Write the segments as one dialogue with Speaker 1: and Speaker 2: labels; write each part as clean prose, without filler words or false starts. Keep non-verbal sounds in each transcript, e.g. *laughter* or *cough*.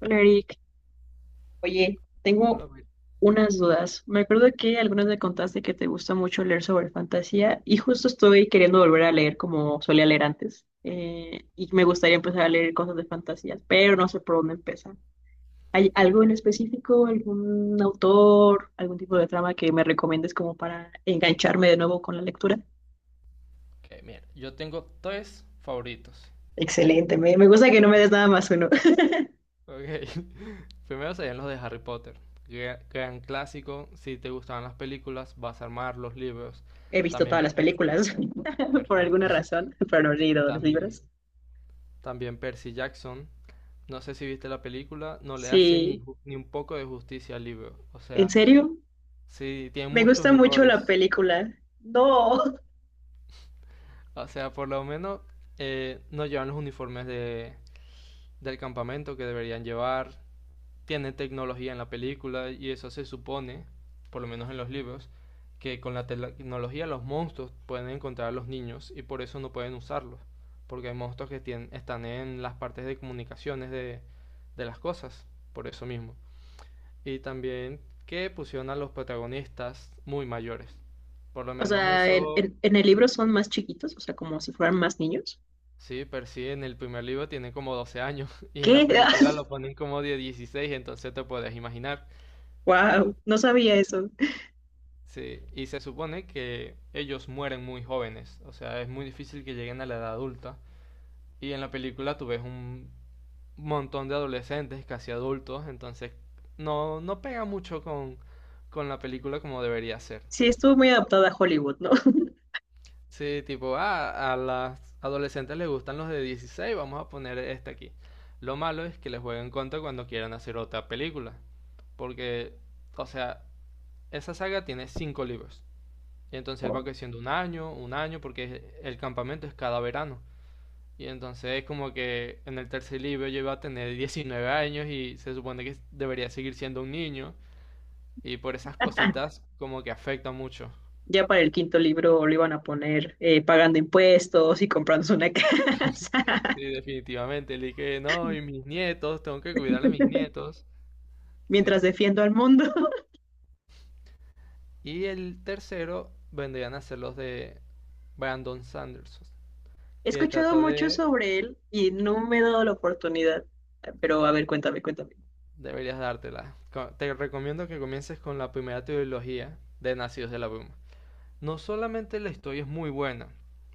Speaker 1: Hola Eric, oye,
Speaker 2: A la
Speaker 1: tengo
Speaker 2: vez.
Speaker 1: unas dudas. Me acuerdo que algunas me contaste que te gusta mucho leer sobre fantasía y justo estoy queriendo volver a leer como solía leer antes. Y me gustaría empezar a leer cosas de fantasía, pero no sé por dónde empezar. ¿Hay
Speaker 2: Ok,
Speaker 1: algo en específico, algún autor, algún tipo de trama que me recomiendes como para engancharme de nuevo con la lectura?
Speaker 2: ok, mira, yo tengo tres favoritos.
Speaker 1: Excelente, me gusta que no me des nada más uno. *laughs*
Speaker 2: Ok, *laughs* primero serían los de Harry Potter. Gran, gran clásico, si te gustaban las películas, vas a armar los libros.
Speaker 1: He visto
Speaker 2: También,
Speaker 1: todas las películas *laughs* por
Speaker 2: Perfecto.
Speaker 1: alguna razón, pero no he
Speaker 2: *laughs*
Speaker 1: leído los
Speaker 2: También,
Speaker 1: libros.
Speaker 2: también Percy Jackson. No sé si viste la película, no le hace ni,
Speaker 1: Sí,
Speaker 2: ju- ni un poco de justicia al libro. O
Speaker 1: ¿en
Speaker 2: sea,
Speaker 1: serio?
Speaker 2: sí, tiene
Speaker 1: Me
Speaker 2: muchos
Speaker 1: gusta mucho la
Speaker 2: errores.
Speaker 1: película. No.
Speaker 2: O sea, por lo menos no llevan los uniformes del campamento que deberían llevar. Tiene tecnología en la película y eso se supone, por lo menos en los libros, que con la tecnología los monstruos pueden encontrar a los niños y por eso no pueden usarlos, porque hay monstruos que tienen, están en las partes de comunicaciones de las cosas, por eso mismo. Y también que pusieron a los protagonistas muy mayores, por lo
Speaker 1: O
Speaker 2: menos
Speaker 1: sea, en,
Speaker 2: eso.
Speaker 1: en- en el libro son más chiquitos, o sea, como si fueran más niños.
Speaker 2: Sí, percibe en el primer libro tiene como 12 años *laughs* y en la
Speaker 1: ¿Qué? *laughs*
Speaker 2: película lo ponen como de 16, entonces te puedes imaginar.
Speaker 1: Wow, no sabía eso.
Speaker 2: Sí, y se supone que ellos mueren muy jóvenes, o sea, es muy difícil que lleguen a la edad adulta. Y en la película tú ves un montón de adolescentes, casi adultos, entonces no, no pega mucho con la película como debería ser.
Speaker 1: Sí, estuvo muy adaptada a Hollywood, ¿no? *laughs*
Speaker 2: Sí, tipo, ah, a las adolescentes les gustan los de 16, vamos a poner este aquí. Lo malo es que les jueguen contra cuando quieran hacer otra película, porque, o sea, esa saga tiene cinco libros. Y entonces él va
Speaker 1: O
Speaker 2: creciendo un año, porque el campamento es cada verano. Y entonces es como que en el tercer libro yo iba a tener 19 años y se supone que debería seguir siendo un niño. Y por esas cositas como que afecta mucho.
Speaker 1: ya para el quinto libro lo iban a poner pagando impuestos y comprándose una *laughs* casa
Speaker 2: Sí, definitivamente. El que no, y mis nietos, tengo que cuidar a mis nietos. Sí.
Speaker 1: mientras defiendo al mundo. *laughs*
Speaker 2: Y el tercero vendrían a ser los de Brandon Sanderson,
Speaker 1: He
Speaker 2: que
Speaker 1: escuchado
Speaker 2: trata
Speaker 1: mucho
Speaker 2: de.
Speaker 1: sobre él y no me he dado la oportunidad. Pero a ver, cuéntame, cuéntame.
Speaker 2: Deberías dártela. Te recomiendo que comiences con la primera trilogía de Nacidos de la Bruma. No solamente la historia es muy buena,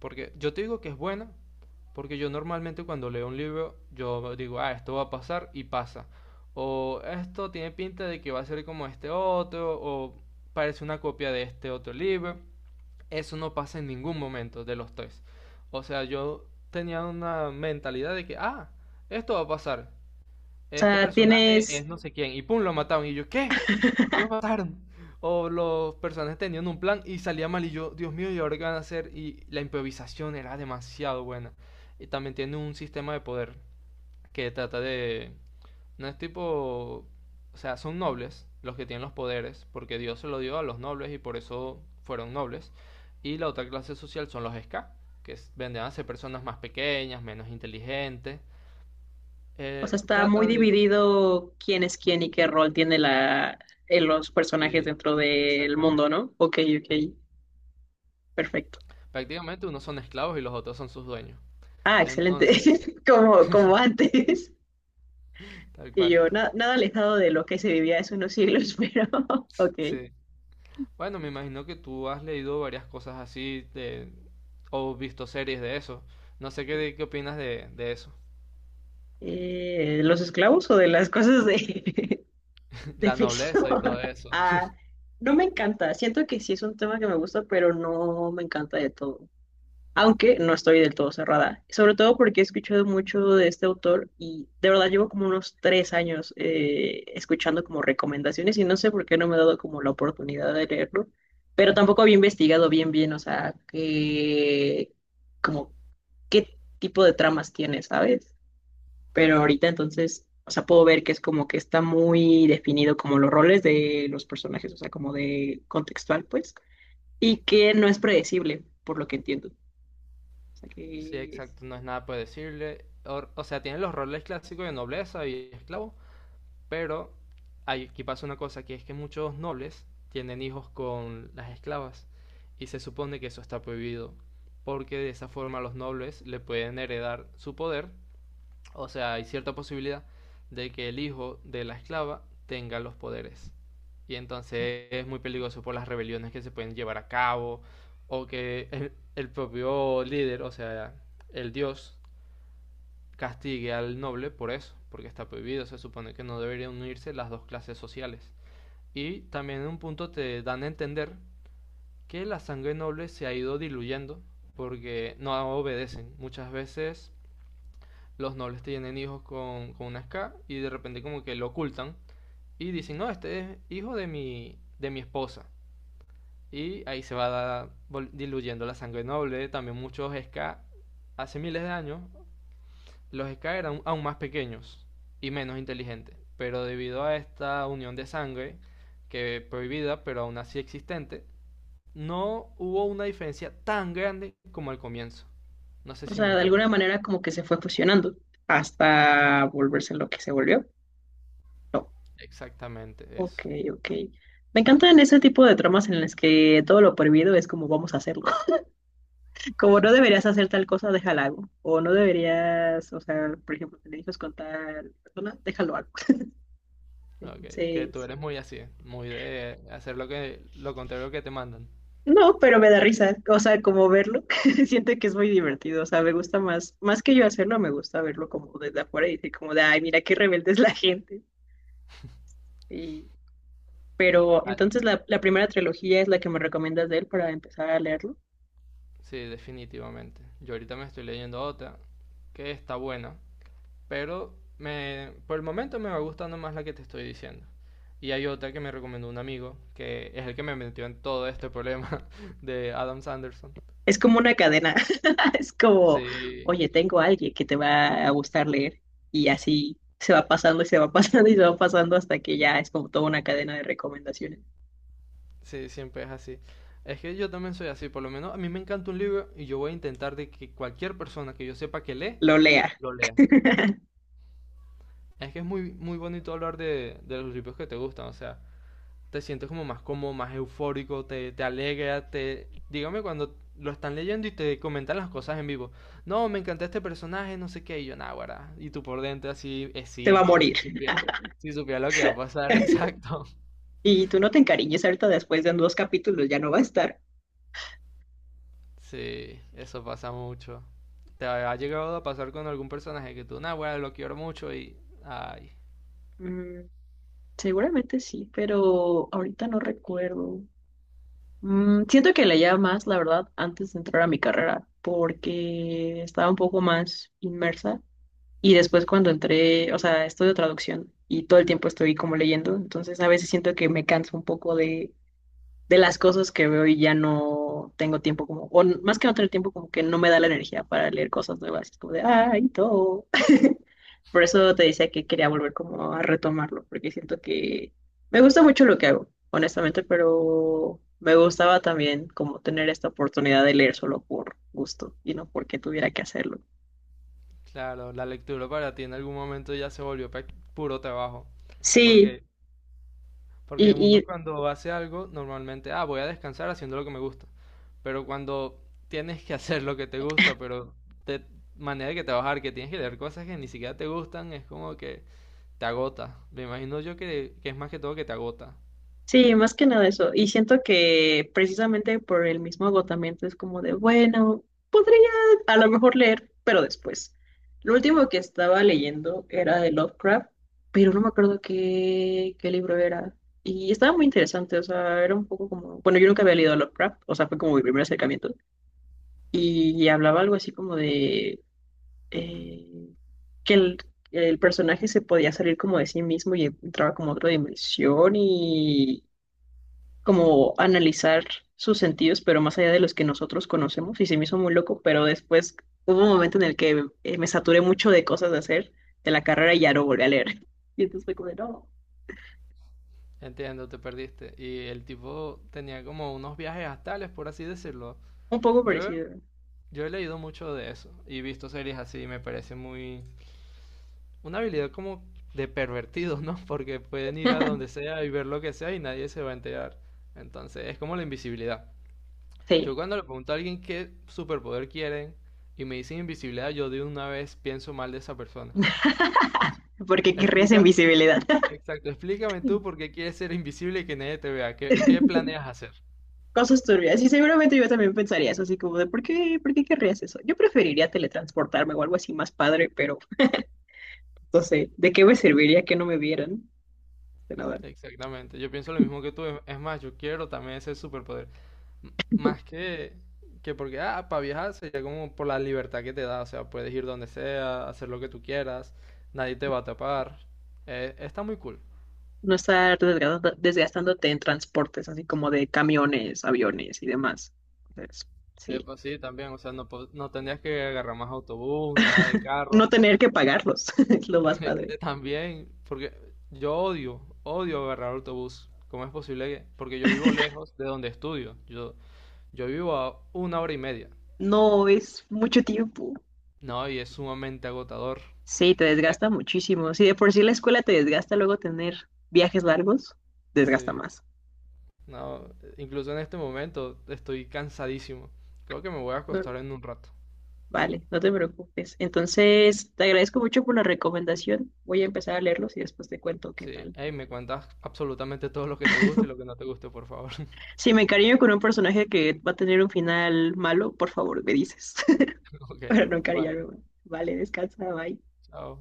Speaker 2: porque yo te digo que es buena, porque yo normalmente cuando leo un libro, yo digo, ah, esto va a pasar y pasa. O esto tiene pinta de que va a ser como este otro, o parece una copia de este otro libro. Eso no pasa en ningún momento de los tres. O sea, yo tenía una mentalidad de que, ah, esto va a pasar
Speaker 1: O
Speaker 2: este
Speaker 1: sea,
Speaker 2: personaje es
Speaker 1: ¿tienes?
Speaker 2: no sé quién, y pum, lo mataron. Y yo, ¿qué? ¿Por qué
Speaker 1: *laughs*
Speaker 2: lo mataron? O los personajes tenían un plan y salía mal, y yo, Dios mío, ¿y ahora qué van a hacer? Y la improvisación era demasiado buena. Y también tiene un sistema de poder que trata de. No es tipo. O sea, son nobles los que tienen los poderes, porque Dios se lo dio a los nobles y por eso fueron nobles. Y la otra clase social son los ska que vendrían a ser personas más pequeñas, menos inteligentes.
Speaker 1: O
Speaker 2: Eh,
Speaker 1: sea, está muy
Speaker 2: trata de.
Speaker 1: dividido quién es quién y qué rol tiene los personajes
Speaker 2: Sí,
Speaker 1: dentro del
Speaker 2: exactamente.
Speaker 1: mundo, ¿no? Ok, ok, perfecto.
Speaker 2: Prácticamente unos son esclavos y los otros son sus dueños.
Speaker 1: Ah, excelente.
Speaker 2: Entonces,
Speaker 1: *laughs* Como, como antes.
Speaker 2: tal
Speaker 1: Y
Speaker 2: cual.
Speaker 1: yo, nada alejado de lo que se vivía hace unos siglos, *laughs* pero ok.
Speaker 2: Sí. Bueno, me imagino que tú has leído varias cosas así o visto series de eso. No sé qué opinas de eso.
Speaker 1: ¿Los esclavos o de las cosas de, *laughs*
Speaker 2: *laughs*
Speaker 1: de
Speaker 2: La
Speaker 1: ficción?
Speaker 2: nobleza y todo
Speaker 1: *laughs*
Speaker 2: eso.
Speaker 1: Ah, no me encanta. Siento que sí es un tema que me gusta, pero no me encanta de todo. Aunque no estoy del todo cerrada, sobre todo porque he escuchado mucho de este autor y de verdad llevo como unos tres años escuchando como recomendaciones y no sé por qué no me he dado como la oportunidad de leerlo, pero tampoco había investigado bien bien, o sea, que como qué tipo de tramas tiene, ¿sabes? Pero ahorita entonces, o sea, puedo ver que es como que está muy definido como los roles de los personajes, o sea, como de contextual, pues, y que no es predecible, por lo que entiendo. O sea,
Speaker 2: Sí,
Speaker 1: que
Speaker 2: exacto, no es nada por decirle. O sea, tienen los roles clásicos de nobleza y esclavo, pero aquí pasa una cosa, que es que muchos nobles tienen hijos con las esclavas y se supone que eso está prohibido, porque de esa forma los nobles le pueden heredar su poder, o sea, hay cierta posibilidad de que el hijo de la esclava tenga los poderes. Y entonces es muy peligroso por las rebeliones que se pueden llevar a cabo o que el propio líder, o sea, el dios, castigue al noble por eso, porque está prohibido, se supone que no deberían unirse las dos clases sociales. Y también en un punto te dan a entender que la sangre noble se ha ido diluyendo porque no obedecen. Muchas veces los nobles tienen hijos con una ska y de repente como que lo ocultan y dicen, no, este es hijo de mi esposa. Y ahí se va diluyendo la sangre noble. También muchos ska hace miles de años. Los Ska eran aún más pequeños y menos inteligentes, pero debido a esta unión de sangre, que prohibida pero aún así existente, no hubo una diferencia tan grande como al comienzo. No sé
Speaker 1: o
Speaker 2: si me
Speaker 1: sea, de alguna
Speaker 2: entiendes.
Speaker 1: manera como que se fue fusionando hasta volverse lo que se volvió. No.
Speaker 2: Exactamente eso.
Speaker 1: Ok, ok. Me encantan ese tipo de tramas en las que todo lo prohibido es como vamos a hacerlo. *laughs* Como no deberías hacer tal cosa, déjalo hago. O no deberías, o sea, por ejemplo, te dices con tal persona, déjalo hago. *laughs*
Speaker 2: Okay que tú
Speaker 1: Entonces,
Speaker 2: eres muy así, muy de hacer lo que lo contrario que te mandan.
Speaker 1: no, pero me da risa. O sea, como verlo, *laughs* siento que es muy divertido. O sea, me gusta más, más que yo hacerlo, me gusta verlo como desde afuera y decir como de, ay, mira qué rebelde es la *laughs* gente. Y pero
Speaker 2: Ah,
Speaker 1: entonces la primera trilogía es la que me recomiendas de él para empezar a leerlo.
Speaker 2: sí, definitivamente. Yo ahorita me estoy leyendo otra que está buena, pero por el momento me va gustando más la que te estoy diciendo. Y hay otra que me recomendó un amigo, que es el que me metió en todo este problema *laughs* de Adam Sanderson.
Speaker 1: Es como una cadena. *laughs* Es como,
Speaker 2: Sí,
Speaker 1: oye, tengo a alguien que te va a gustar leer. Y así se va pasando y se va *laughs* pasando y se va pasando hasta que ya es como toda una cadena de recomendaciones.
Speaker 2: sí, siempre es así. Es que yo también soy así, por lo menos a mí me encanta un libro y yo voy a intentar de que cualquier persona que yo sepa que lee,
Speaker 1: Lo lea,
Speaker 2: lo lea.
Speaker 1: *laughs*
Speaker 2: Es que es muy, muy bonito hablar de los libros que te gustan, o sea, te sientes como más cómodo, más eufórico, te alegra, Dígame cuando lo están leyendo y te comentan las cosas en vivo. No, me encantó este personaje, no sé qué, y yo, nah, guarda. Y tú por dentro así,
Speaker 1: se va a
Speaker 2: esito, si
Speaker 1: morir.
Speaker 2: supiera, si supiera lo que va a pasar, *laughs*
Speaker 1: *laughs*
Speaker 2: exacto.
Speaker 1: Y tú no te encariñes ahorita después de dos capítulos, ya no va a estar.
Speaker 2: Sí, eso pasa mucho. ¿Te ha llegado a pasar con algún personaje que tú, nah, guarda, lo quiero mucho? Ay,
Speaker 1: Mm, seguramente sí, pero ahorita no recuerdo. Mm, siento que leía más, la verdad, antes de entrar a mi carrera, porque estaba un poco más inmersa. Y después cuando entré, o sea, estudio traducción y todo el tiempo estoy como leyendo, entonces a veces siento que me canso un poco de las cosas que veo y ya no tengo tiempo como, o más que no tener tiempo, como que no me da la energía para leer cosas nuevas. Es como de, ay, todo. Por eso te decía que quería volver como a retomarlo, porque siento que me gusta mucho lo que hago, honestamente, pero me gustaba también como tener esta oportunidad de leer solo por gusto y no porque tuviera que hacerlo.
Speaker 2: claro, la lectura para ti en algún momento ya se volvió puro trabajo.
Speaker 1: Sí,
Speaker 2: Porque Porque
Speaker 1: y,
Speaker 2: uno cuando hace algo, normalmente, ah, voy a descansar haciendo lo que me gusta. Pero cuando tienes que *laughs* hacer lo que te gusta, pero de manera que trabajar, que tienes que leer cosas que ni siquiera te gustan, es como que te agota. Me imagino yo que es más que todo que te agota.
Speaker 1: sí, más que nada eso. Y siento que precisamente por el mismo agotamiento es como de, bueno, podría a lo mejor leer, pero después. Lo último que estaba leyendo era de Lovecraft, pero no me acuerdo qué, qué libro era. Y estaba muy interesante, o sea, era un poco como, bueno, yo nunca había leído a Lovecraft, o sea, fue como mi primer acercamiento. Y hablaba algo así como de eh, que el, el personaje se podía salir como de sí mismo y entraba como a otra dimensión como analizar sus sentidos, pero más allá de los que nosotros conocemos, y se me hizo muy loco, pero después hubo un momento en el que me saturé mucho de cosas de hacer de la carrera y ya no volví a leer. *laughs* Y entonces fue como de, no,
Speaker 2: Entiendo, te perdiste. Y el tipo tenía como unos viajes astrales, por así decirlo.
Speaker 1: un poco
Speaker 2: Yo,
Speaker 1: parecido.
Speaker 2: yo he leído mucho de eso y visto series así, me parece muy. Una habilidad como de pervertido, ¿no? *laughs* Porque pueden ir a donde sea y ver lo que sea y nadie se va a enterar. Entonces, es como la invisibilidad. Yo
Speaker 1: Sí,
Speaker 2: cuando le pregunto a alguien qué superpoder quieren y me dicen invisibilidad, yo de una vez pienso mal de esa persona.
Speaker 1: porque querrías
Speaker 2: Explica,
Speaker 1: invisibilidad. *laughs*
Speaker 2: exacto, explícame tú por qué quieres ser invisible y que nadie te vea. ¿Qué planeas hacer?
Speaker 1: Cosas turbias, y seguramente yo también pensaría eso, así como de, por qué querrías eso? Yo preferiría teletransportarme o algo así más padre, pero no sé, ¿de qué me serviría que no me vieran? De nada.
Speaker 2: Exactamente, yo pienso lo mismo que tú. Es más, yo quiero también ese superpoder. Más que porque, ah, para viajar sería como por la libertad que te da, o sea, puedes ir donde sea, hacer lo que tú quieras, nadie te va a tapar. Está muy cool.
Speaker 1: No estar desgastándote en transportes, así como de camiones, aviones y demás. Entonces,
Speaker 2: Eh,
Speaker 1: sí.
Speaker 2: pues sí, también, o sea, no, no tendrías que agarrar más autobús, nada de carro.
Speaker 1: No tener que pagarlos *laughs* es lo más
Speaker 2: *laughs*
Speaker 1: padre.
Speaker 2: También, porque yo odio, odio agarrar autobús. ¿Cómo es posible que? Porque yo vivo lejos de donde estudio. Yo vivo a una hora y media.
Speaker 1: No es mucho tiempo.
Speaker 2: No, y es sumamente agotador.
Speaker 1: Sí, te
Speaker 2: Eh,
Speaker 1: desgasta muchísimo. Si de por sí la escuela te desgasta, luego tener viajes largos, desgasta
Speaker 2: Sí.
Speaker 1: más.
Speaker 2: No, incluso en este momento estoy cansadísimo. Creo que me voy a
Speaker 1: No,
Speaker 2: acostar en un rato.
Speaker 1: vale, no te preocupes. Entonces, te agradezco mucho por la recomendación. Voy a empezar a leerlos y después te cuento qué
Speaker 2: Sí,
Speaker 1: tal.
Speaker 2: hey, me cuentas absolutamente todo lo que te gusta y lo que no te guste, por favor. *laughs*
Speaker 1: Si me encariño con un personaje que va a tener un final malo, por favor, me dices. *laughs*
Speaker 2: Ok,
Speaker 1: *laughs* Para no
Speaker 2: bye,
Speaker 1: encariñarme más. Vale, descansa, bye.
Speaker 2: chao.